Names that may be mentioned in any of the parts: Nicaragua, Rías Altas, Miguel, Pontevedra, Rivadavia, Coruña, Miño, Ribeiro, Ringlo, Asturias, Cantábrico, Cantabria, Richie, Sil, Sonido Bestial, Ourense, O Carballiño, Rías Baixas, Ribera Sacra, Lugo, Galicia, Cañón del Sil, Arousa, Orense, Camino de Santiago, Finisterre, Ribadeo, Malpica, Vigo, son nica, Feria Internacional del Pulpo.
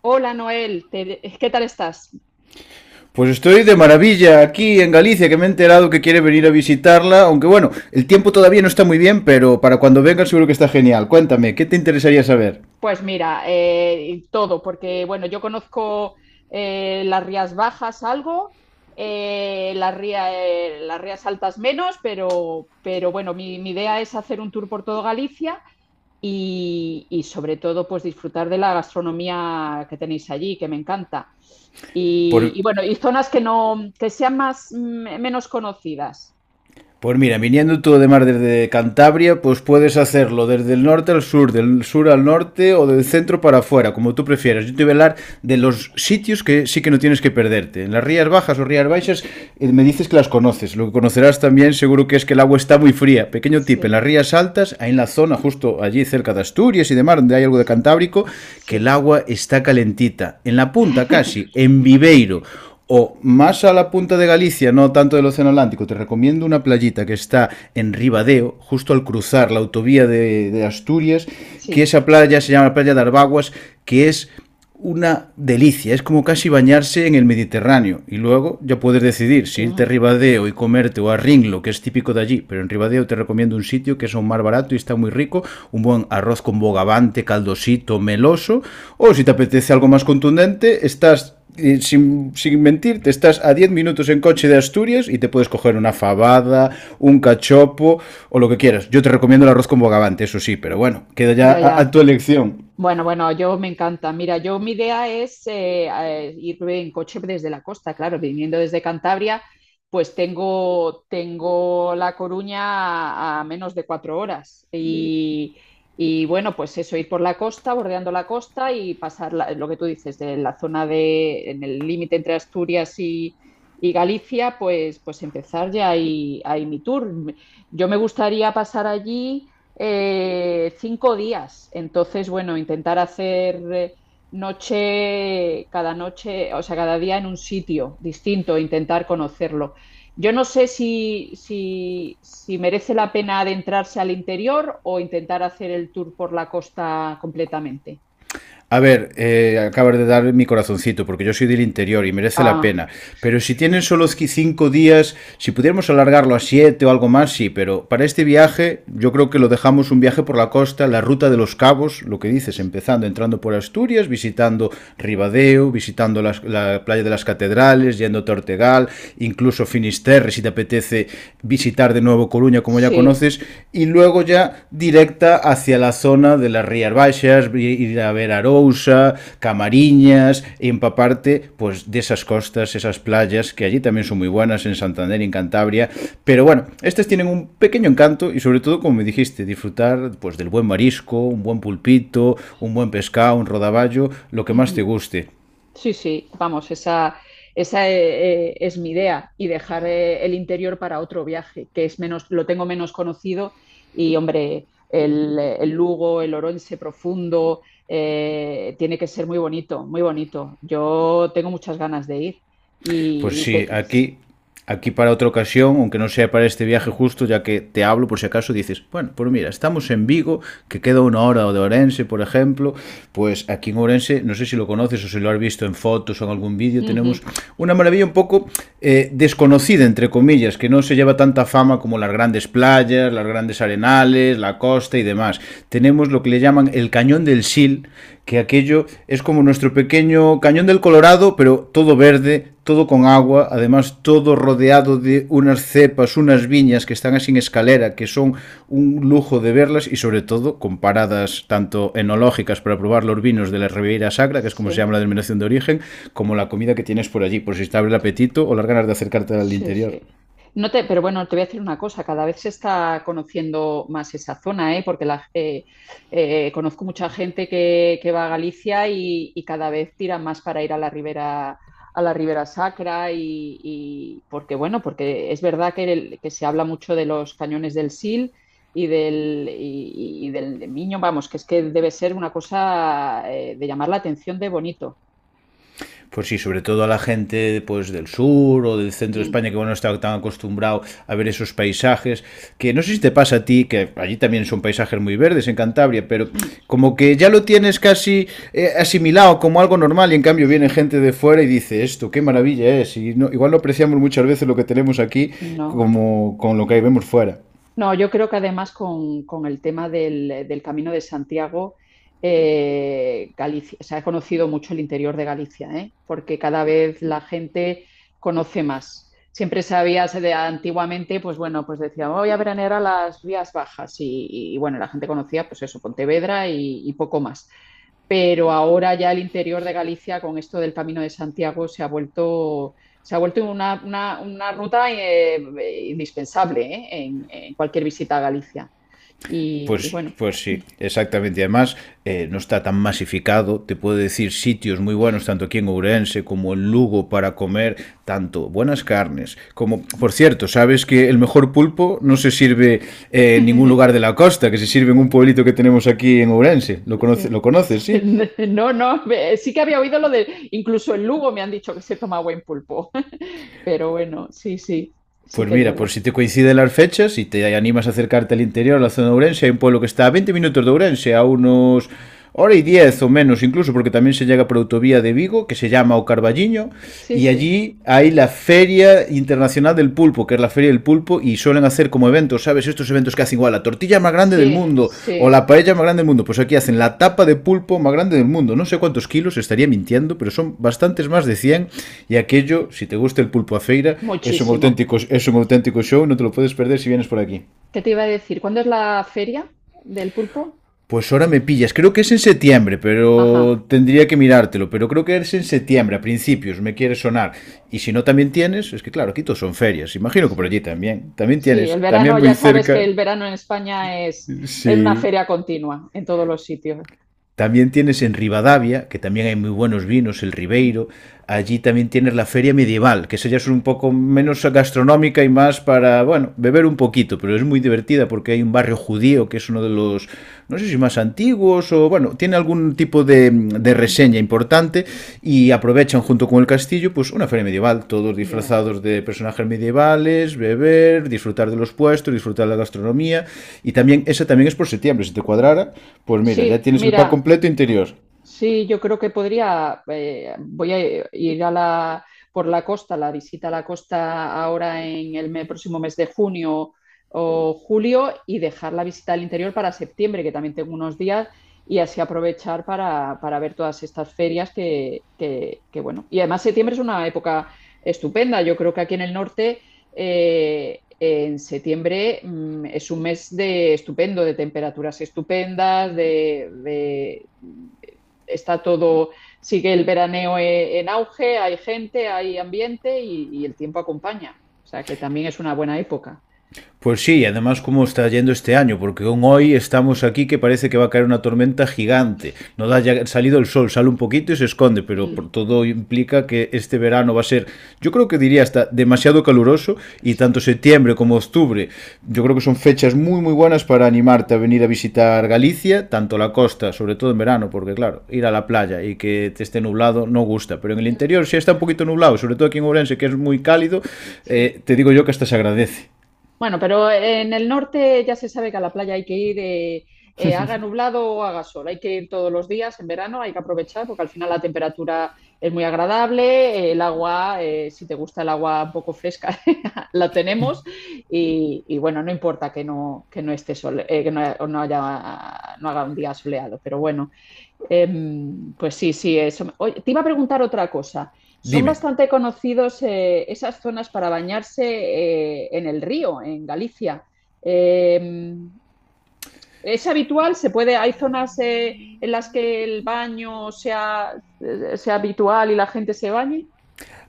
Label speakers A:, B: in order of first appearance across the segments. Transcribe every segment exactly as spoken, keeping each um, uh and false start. A: Hola Noel, te- ¿qué tal estás?
B: Pues estoy de maravilla aquí en Galicia, que me he enterado que quiere venir a visitarla, aunque bueno, el tiempo todavía no está muy bien, pero para cuando venga seguro que está genial. Cuéntame, ¿qué te interesaría saber?
A: Pues mira, eh, todo, porque bueno, yo conozco eh, las Rías Bajas algo, eh, las ría- eh, las Rías Altas menos, pero, pero bueno, mi, mi idea es hacer un tour por todo Galicia y, y sobre todo pues disfrutar de la gastronomía que tenéis allí, que me encanta. Y,
B: Pues
A: y bueno, y zonas que no, que sean más, mm, menos conocidas.
B: Pues mira, viniendo tú además desde Cantabria, pues
A: Sí,
B: puedes hacerlo desde el norte al sur, del sur al norte o del centro para afuera, como tú prefieras. Yo te voy a hablar de los sitios que sí que no tienes que perderte. En las Rías Bajas o Rías Baixas, eh, me dices que las conoces. Lo que conocerás también seguro que es que el agua está muy fría. Pequeño tip, en
A: sí,
B: las Rías Altas, ahí en la zona justo allí cerca de Asturias y demás, donde hay algo de Cantábrico, que el
A: sí.
B: agua está calentita. En la punta casi, en Viveiro o más a la punta de Galicia, no tanto del Océano Atlántico, te recomiendo una playita que está en Ribadeo, justo al cruzar la autovía de, de Asturias, que
A: Sí,
B: esa playa se llama la playa de Arbaguas, que es una delicia, es como casi bañarse en el Mediterráneo y luego ya puedes decidir si
A: qué
B: irte a
A: bueno.
B: Ribadeo y comerte o a Ringlo, que es típico de allí, pero en Ribadeo te recomiendo un sitio que es aún más barato y está muy rico, un buen arroz con bogavante, caldosito, meloso, o si te apetece algo más contundente, estás y sin, sin mentir, te estás a diez minutos en coche de Asturias y te puedes coger una fabada, un cachopo o lo que quieras. Yo te recomiendo el arroz con bogavante, eso sí, pero bueno, queda ya
A: Ya,
B: a, a
A: ya.
B: tu elección.
A: Bueno, bueno, yo me encanta. Mira, yo mi idea es eh, eh, ir en coche desde la costa, claro, viniendo desde Cantabria, pues tengo, tengo La Coruña a, a menos de cuatro horas. Y, y bueno, pues eso, ir por la costa, bordeando la costa y pasar la- lo que tú dices, de la zona de, en el límite entre Asturias y, y Galicia, pues, pues empezar ya ahí, ahí mi tour. Yo me gustaría pasar allí eh, cinco días. Entonces, bueno, intentar hacer eh, noche, cada noche, o sea, cada día en un sitio distinto, intentar conocerlo. Yo no sé si, si, si merece la pena adentrarse al interior o intentar hacer el tour por la costa completamente.
B: A ver, eh, acabas de dar mi corazoncito, porque yo soy del interior y merece la
A: Ah,
B: pena. Pero si tienen solo cinco días, si pudiéramos alargarlo a siete o algo más, sí. Pero para este viaje, yo creo que lo dejamos un viaje por la costa, la ruta de los cabos, lo que dices, empezando, entrando por Asturias, visitando Ribadeo, visitando las- la playa de las catedrales, yendo a Ortegal, incluso Finisterre, si te apetece visitar de nuevo Coruña, como ya
A: sí.
B: conoces, y luego ya directa hacia la zona de las Rías Baixas, ir a ver Arousa, Camariñas, y empaparte pues, de esas costas, esas playas, que allí también son muy buenas, en Santander, en Cantabria, pero bueno, estas tienen un pequeño encanto y sobre todo, como me dijiste, disfrutar pues, del buen marisco, un buen pulpito, un buen pescado, un rodaballo, lo que más te
A: Ujú.
B: guste.
A: Sí, sí, vamos, esa, esa eh, eh, es mi idea y dejar eh, el interior para otro viaje, que es menos, lo tengo menos conocido y hombre, el, el Lugo, el Orense profundo, eh, tiene que ser muy bonito, muy bonito. Yo tengo muchas ganas de ir
B: Pues
A: y, y
B: sí,
A: te-
B: aquí, aquí para otra ocasión, aunque no sea para este viaje justo, ya que te hablo por si acaso dices, bueno, pues mira, estamos en Vigo, que queda una hora de Orense, por ejemplo, pues aquí en Orense, no sé si lo conoces o si lo has visto en fotos o en algún vídeo,
A: Ujú,
B: tenemos una maravilla un poco eh, desconocida, entre comillas, que no se lleva tanta fama como las grandes playas, las grandes arenales, la costa y demás. Tenemos lo que le llaman el Cañón del Sil, que aquello es como nuestro pequeño cañón del Colorado, pero todo verde, todo con agua, además todo rodeado de unas cepas, unas viñas que están así en escalera, que son un lujo de verlas y sobre todo con paradas tanto enológicas para probar los vinos de la Ribeira Sacra, que es como se
A: Sí.
B: llama la denominación de origen, como la comida que tienes por allí, por si te abre el apetito o las ganas de acercarte al
A: Sí,
B: interior.
A: sí. No te, pero bueno, te voy a decir una cosa, cada vez se está conociendo más esa zona, ¿eh? Porque la, eh, eh, conozco mucha gente que, que va a Galicia y, y cada vez tiran más para ir a la Ribera, a la Ribera Sacra y, y porque bueno, porque es verdad que, el- que se habla mucho de los cañones del Sil y del, y, y del de Miño, vamos, que es que debe ser una cosa eh, de llamar la atención de bonito.
B: Pues sí, sobre todo a la gente pues, del sur o del centro de
A: Mm,
B: España que bueno, no está tan acostumbrado a ver esos paisajes, que no sé si te pasa a ti, que allí también son paisajes muy verdes en Cantabria, pero
A: mm.
B: como que ya lo tienes casi eh, asimilado como algo normal y en cambio viene
A: Sí.
B: gente de fuera y dice esto, qué maravilla es, y no, igual no apreciamos muchas veces lo que tenemos aquí
A: No.
B: como con lo que vemos fuera.
A: No, yo creo que además con, con el tema del, del Camino de Santiago, eh, Galicia, se ha conocido mucho el interior de Galicia, ¿eh? Porque cada vez la gente conoce más. Siempre sabías de antiguamente, pues bueno, pues decía, voy a veranear a las vías bajas y, y, bueno, la gente conocía pues eso, Pontevedra y, y poco más, pero ahora ya el interior de Galicia con esto del Camino de Santiago se ha vuelto, se ha vuelto una, una, una ruta eh, indispensable, ¿eh? En, en, cualquier visita a Galicia. Y, y
B: Pues,
A: bueno,
B: pues sí, exactamente. Y además, eh, no está tan masificado. Te puedo decir sitios muy buenos, tanto aquí en Ourense como en Lugo, para comer tanto buenas carnes como, por cierto, sabes que el mejor pulpo no se sirve, eh, en ningún lugar de la costa, que se sirve en un pueblito que tenemos aquí en Ourense. ¿Lo, conoce-
A: sí.
B: lo conoces, sí?
A: No, no, sí que había oído lo de, incluso en Lugo me han dicho que se toma buen pulpo, pero bueno, sí, sí, sí
B: Pues
A: que es
B: mira,
A: verdad.
B: por si te coinciden las fechas y te animas a acercarte al interior, a la zona de Ourense, hay un pueblo que está a veinte minutos de Ourense, a unos hora y diez o menos incluso, porque también se llega por autovía de Vigo, que se llama O Carballiño,
A: Sí,
B: y
A: sí,
B: allí hay la Feria Internacional del Pulpo, que es la Feria del Pulpo, y suelen hacer como eventos, ¿sabes? Estos eventos que hacen igual la tortilla más grande del
A: sí,
B: mundo o
A: sí,
B: la paella más grande del mundo. Pues aquí hacen la tapa de pulpo más grande del mundo. No sé cuántos kilos, estaría mintiendo, pero son bastantes más de cien. Y aquello, si te gusta el pulpo a feira, es un
A: muchísimo.
B: auténtico, es un auténtico show, no te lo puedes perder si vienes por aquí.
A: ¿Qué te iba a decir? ¿Cuándo es la feria del pulpo?
B: Pues ahora me pillas, creo que es en septiembre,
A: Ajá,
B: pero tendría que mirártelo, pero creo que es en septiembre, a principios, me quiere sonar. Y si no también tienes, es que claro, aquí todos son ferias, imagino que por
A: sí.
B: allí también, también
A: Sí, el
B: tienes,
A: verano,
B: también
A: ya
B: muy
A: sabes que
B: cerca,
A: el verano en España es, es una
B: sí.
A: feria continua en todos los sitios.
B: También tienes en Rivadavia, que también hay muy buenos vinos, el Ribeiro. Allí también tienes la feria medieval, que esa ya es un poco menos gastronómica y más para, bueno, beber un poquito, pero es muy divertida porque hay un barrio judío que es uno de los, no sé si más antiguos o, bueno, tiene algún algún tipo de, de
A: Ujú.
B: reseña importante y aprovechan junto con el castillo pues una feria medieval, todos
A: Ya.
B: disfrazados de personajes medievales, beber, disfrutar de los puestos, disfrutar de la gastronomía y también esa también es por septiembre, si te cuadrara, pues mira, ya
A: Sí,
B: tienes el pack
A: mira,
B: completo interior.
A: sí, yo creo que podría, eh, voy a ir a la, por la costa, la visita a la costa ahora en el me- próximo mes de junio o julio y dejar la visita al interior para septiembre, que también tengo unos días, y así aprovechar para, para ver todas estas ferias que, que- que, bueno. Y además septiembre es una época estupenda. Yo creo que aquí en el norte, eh, en septiembre, mm, es un mes de estupendo, de temperaturas estupendas, de de- está todo, sigue el veraneo e, en auge, hay gente, hay ambiente y, y el tiempo acompaña. O sea que también es una buena época.
B: Pues sí, además cómo está yendo este año, porque aún hoy estamos aquí que parece que va a caer una tormenta gigante. No da ya salido el sol, sale un poquito y se esconde, pero
A: Sí.
B: todo implica que este verano va a ser, yo creo que diría hasta demasiado caluroso y tanto septiembre como octubre, yo creo que son fechas muy muy buenas para animarte a venir a visitar Galicia, tanto la costa, sobre todo en verano, porque claro, ir a la playa y que te esté nublado no gusta, pero en el interior si está un poquito nublado, sobre todo aquí en Ourense que es muy cálido, eh,
A: Sí.
B: te digo yo que hasta se agradece.
A: Bueno, pero en el norte ya se sabe que a la playa hay que ir, eh, eh, haga nublado o haga sol, hay que ir todos los días en verano, hay que aprovechar porque al final la temperatura es muy agradable, eh, el agua, eh, si te gusta el agua un poco fresca, la tenemos y, y bueno, no importa que no, que no esté sol, eh, que no, no haya, no haga un día soleado, pero bueno. Eh, pues sí, sí, eso. Oye, te iba a preguntar otra cosa. ¿Son
B: Dime.
A: bastante conocidos eh, esas zonas para bañarse eh, en el río, en Galicia? Eh, ¿Es habitual? ¿Se puede? ¿Hay zonas eh, en las que el baño sea, eh, sea habitual y la gente se bañe?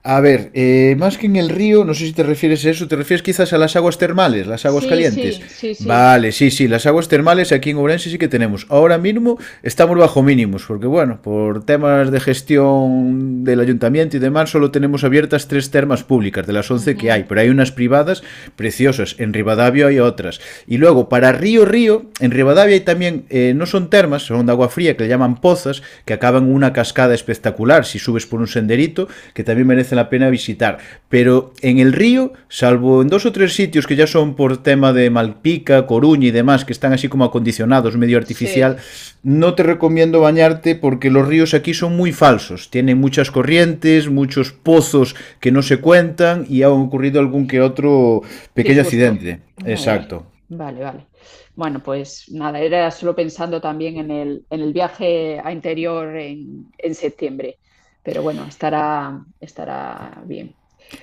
B: A ver, eh, más que en el río, no sé si te refieres a eso, te refieres quizás a las aguas termales, las aguas
A: Sí,
B: calientes.
A: sí, sí, sí.
B: Vale, sí, sí, las aguas termales aquí en Ourense sí que tenemos. Ahora mismo estamos bajo mínimos, porque bueno, por temas de gestión del ayuntamiento y demás, solo tenemos abiertas tres termas públicas de las once que hay,
A: Ujú,
B: pero hay unas privadas preciosas, en Rivadavia hay otras. Y luego, para río, río, en Rivadavia hay también, eh, no son termas, son de agua fría, que le llaman le llaman pozas, que acaban en una cascada espectacular si subes por un senderito, que también merece la pena visitar. Pero en el río, salvo en dos o tres sitios que ya son por tema de Malpica, Coruña y demás, que están así como acondicionados, medio artificial,
A: sí.
B: no te recomiendo bañarte porque los ríos aquí son muy falsos. Tienen muchas corrientes, muchos pozos que no se cuentan y ha ocurrido algún que otro pequeño
A: Disgusto.
B: accidente.
A: Ya, ya.
B: Exacto.
A: Vale, vale. Bueno, pues nada, era solo pensando también en el, en el viaje a interior en, en septiembre. Pero bueno, estará, estará bien.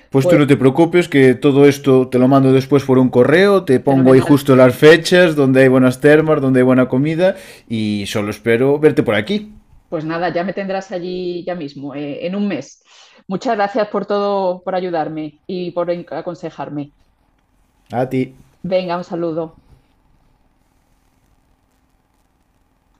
B: Pues tú no te preocupes, que todo esto te lo mando después por un correo, te pongo ahí
A: Fenomenal.
B: justo las fechas, donde hay buenas termas, donde hay buena comida, y solo espero verte por aquí.
A: Pues nada, ya me tendrás allí ya mismo, eh, en un mes. Muchas gracias por todo, por ayudarme y por en- aconsejarme.
B: A ti.
A: Venga, un saludo.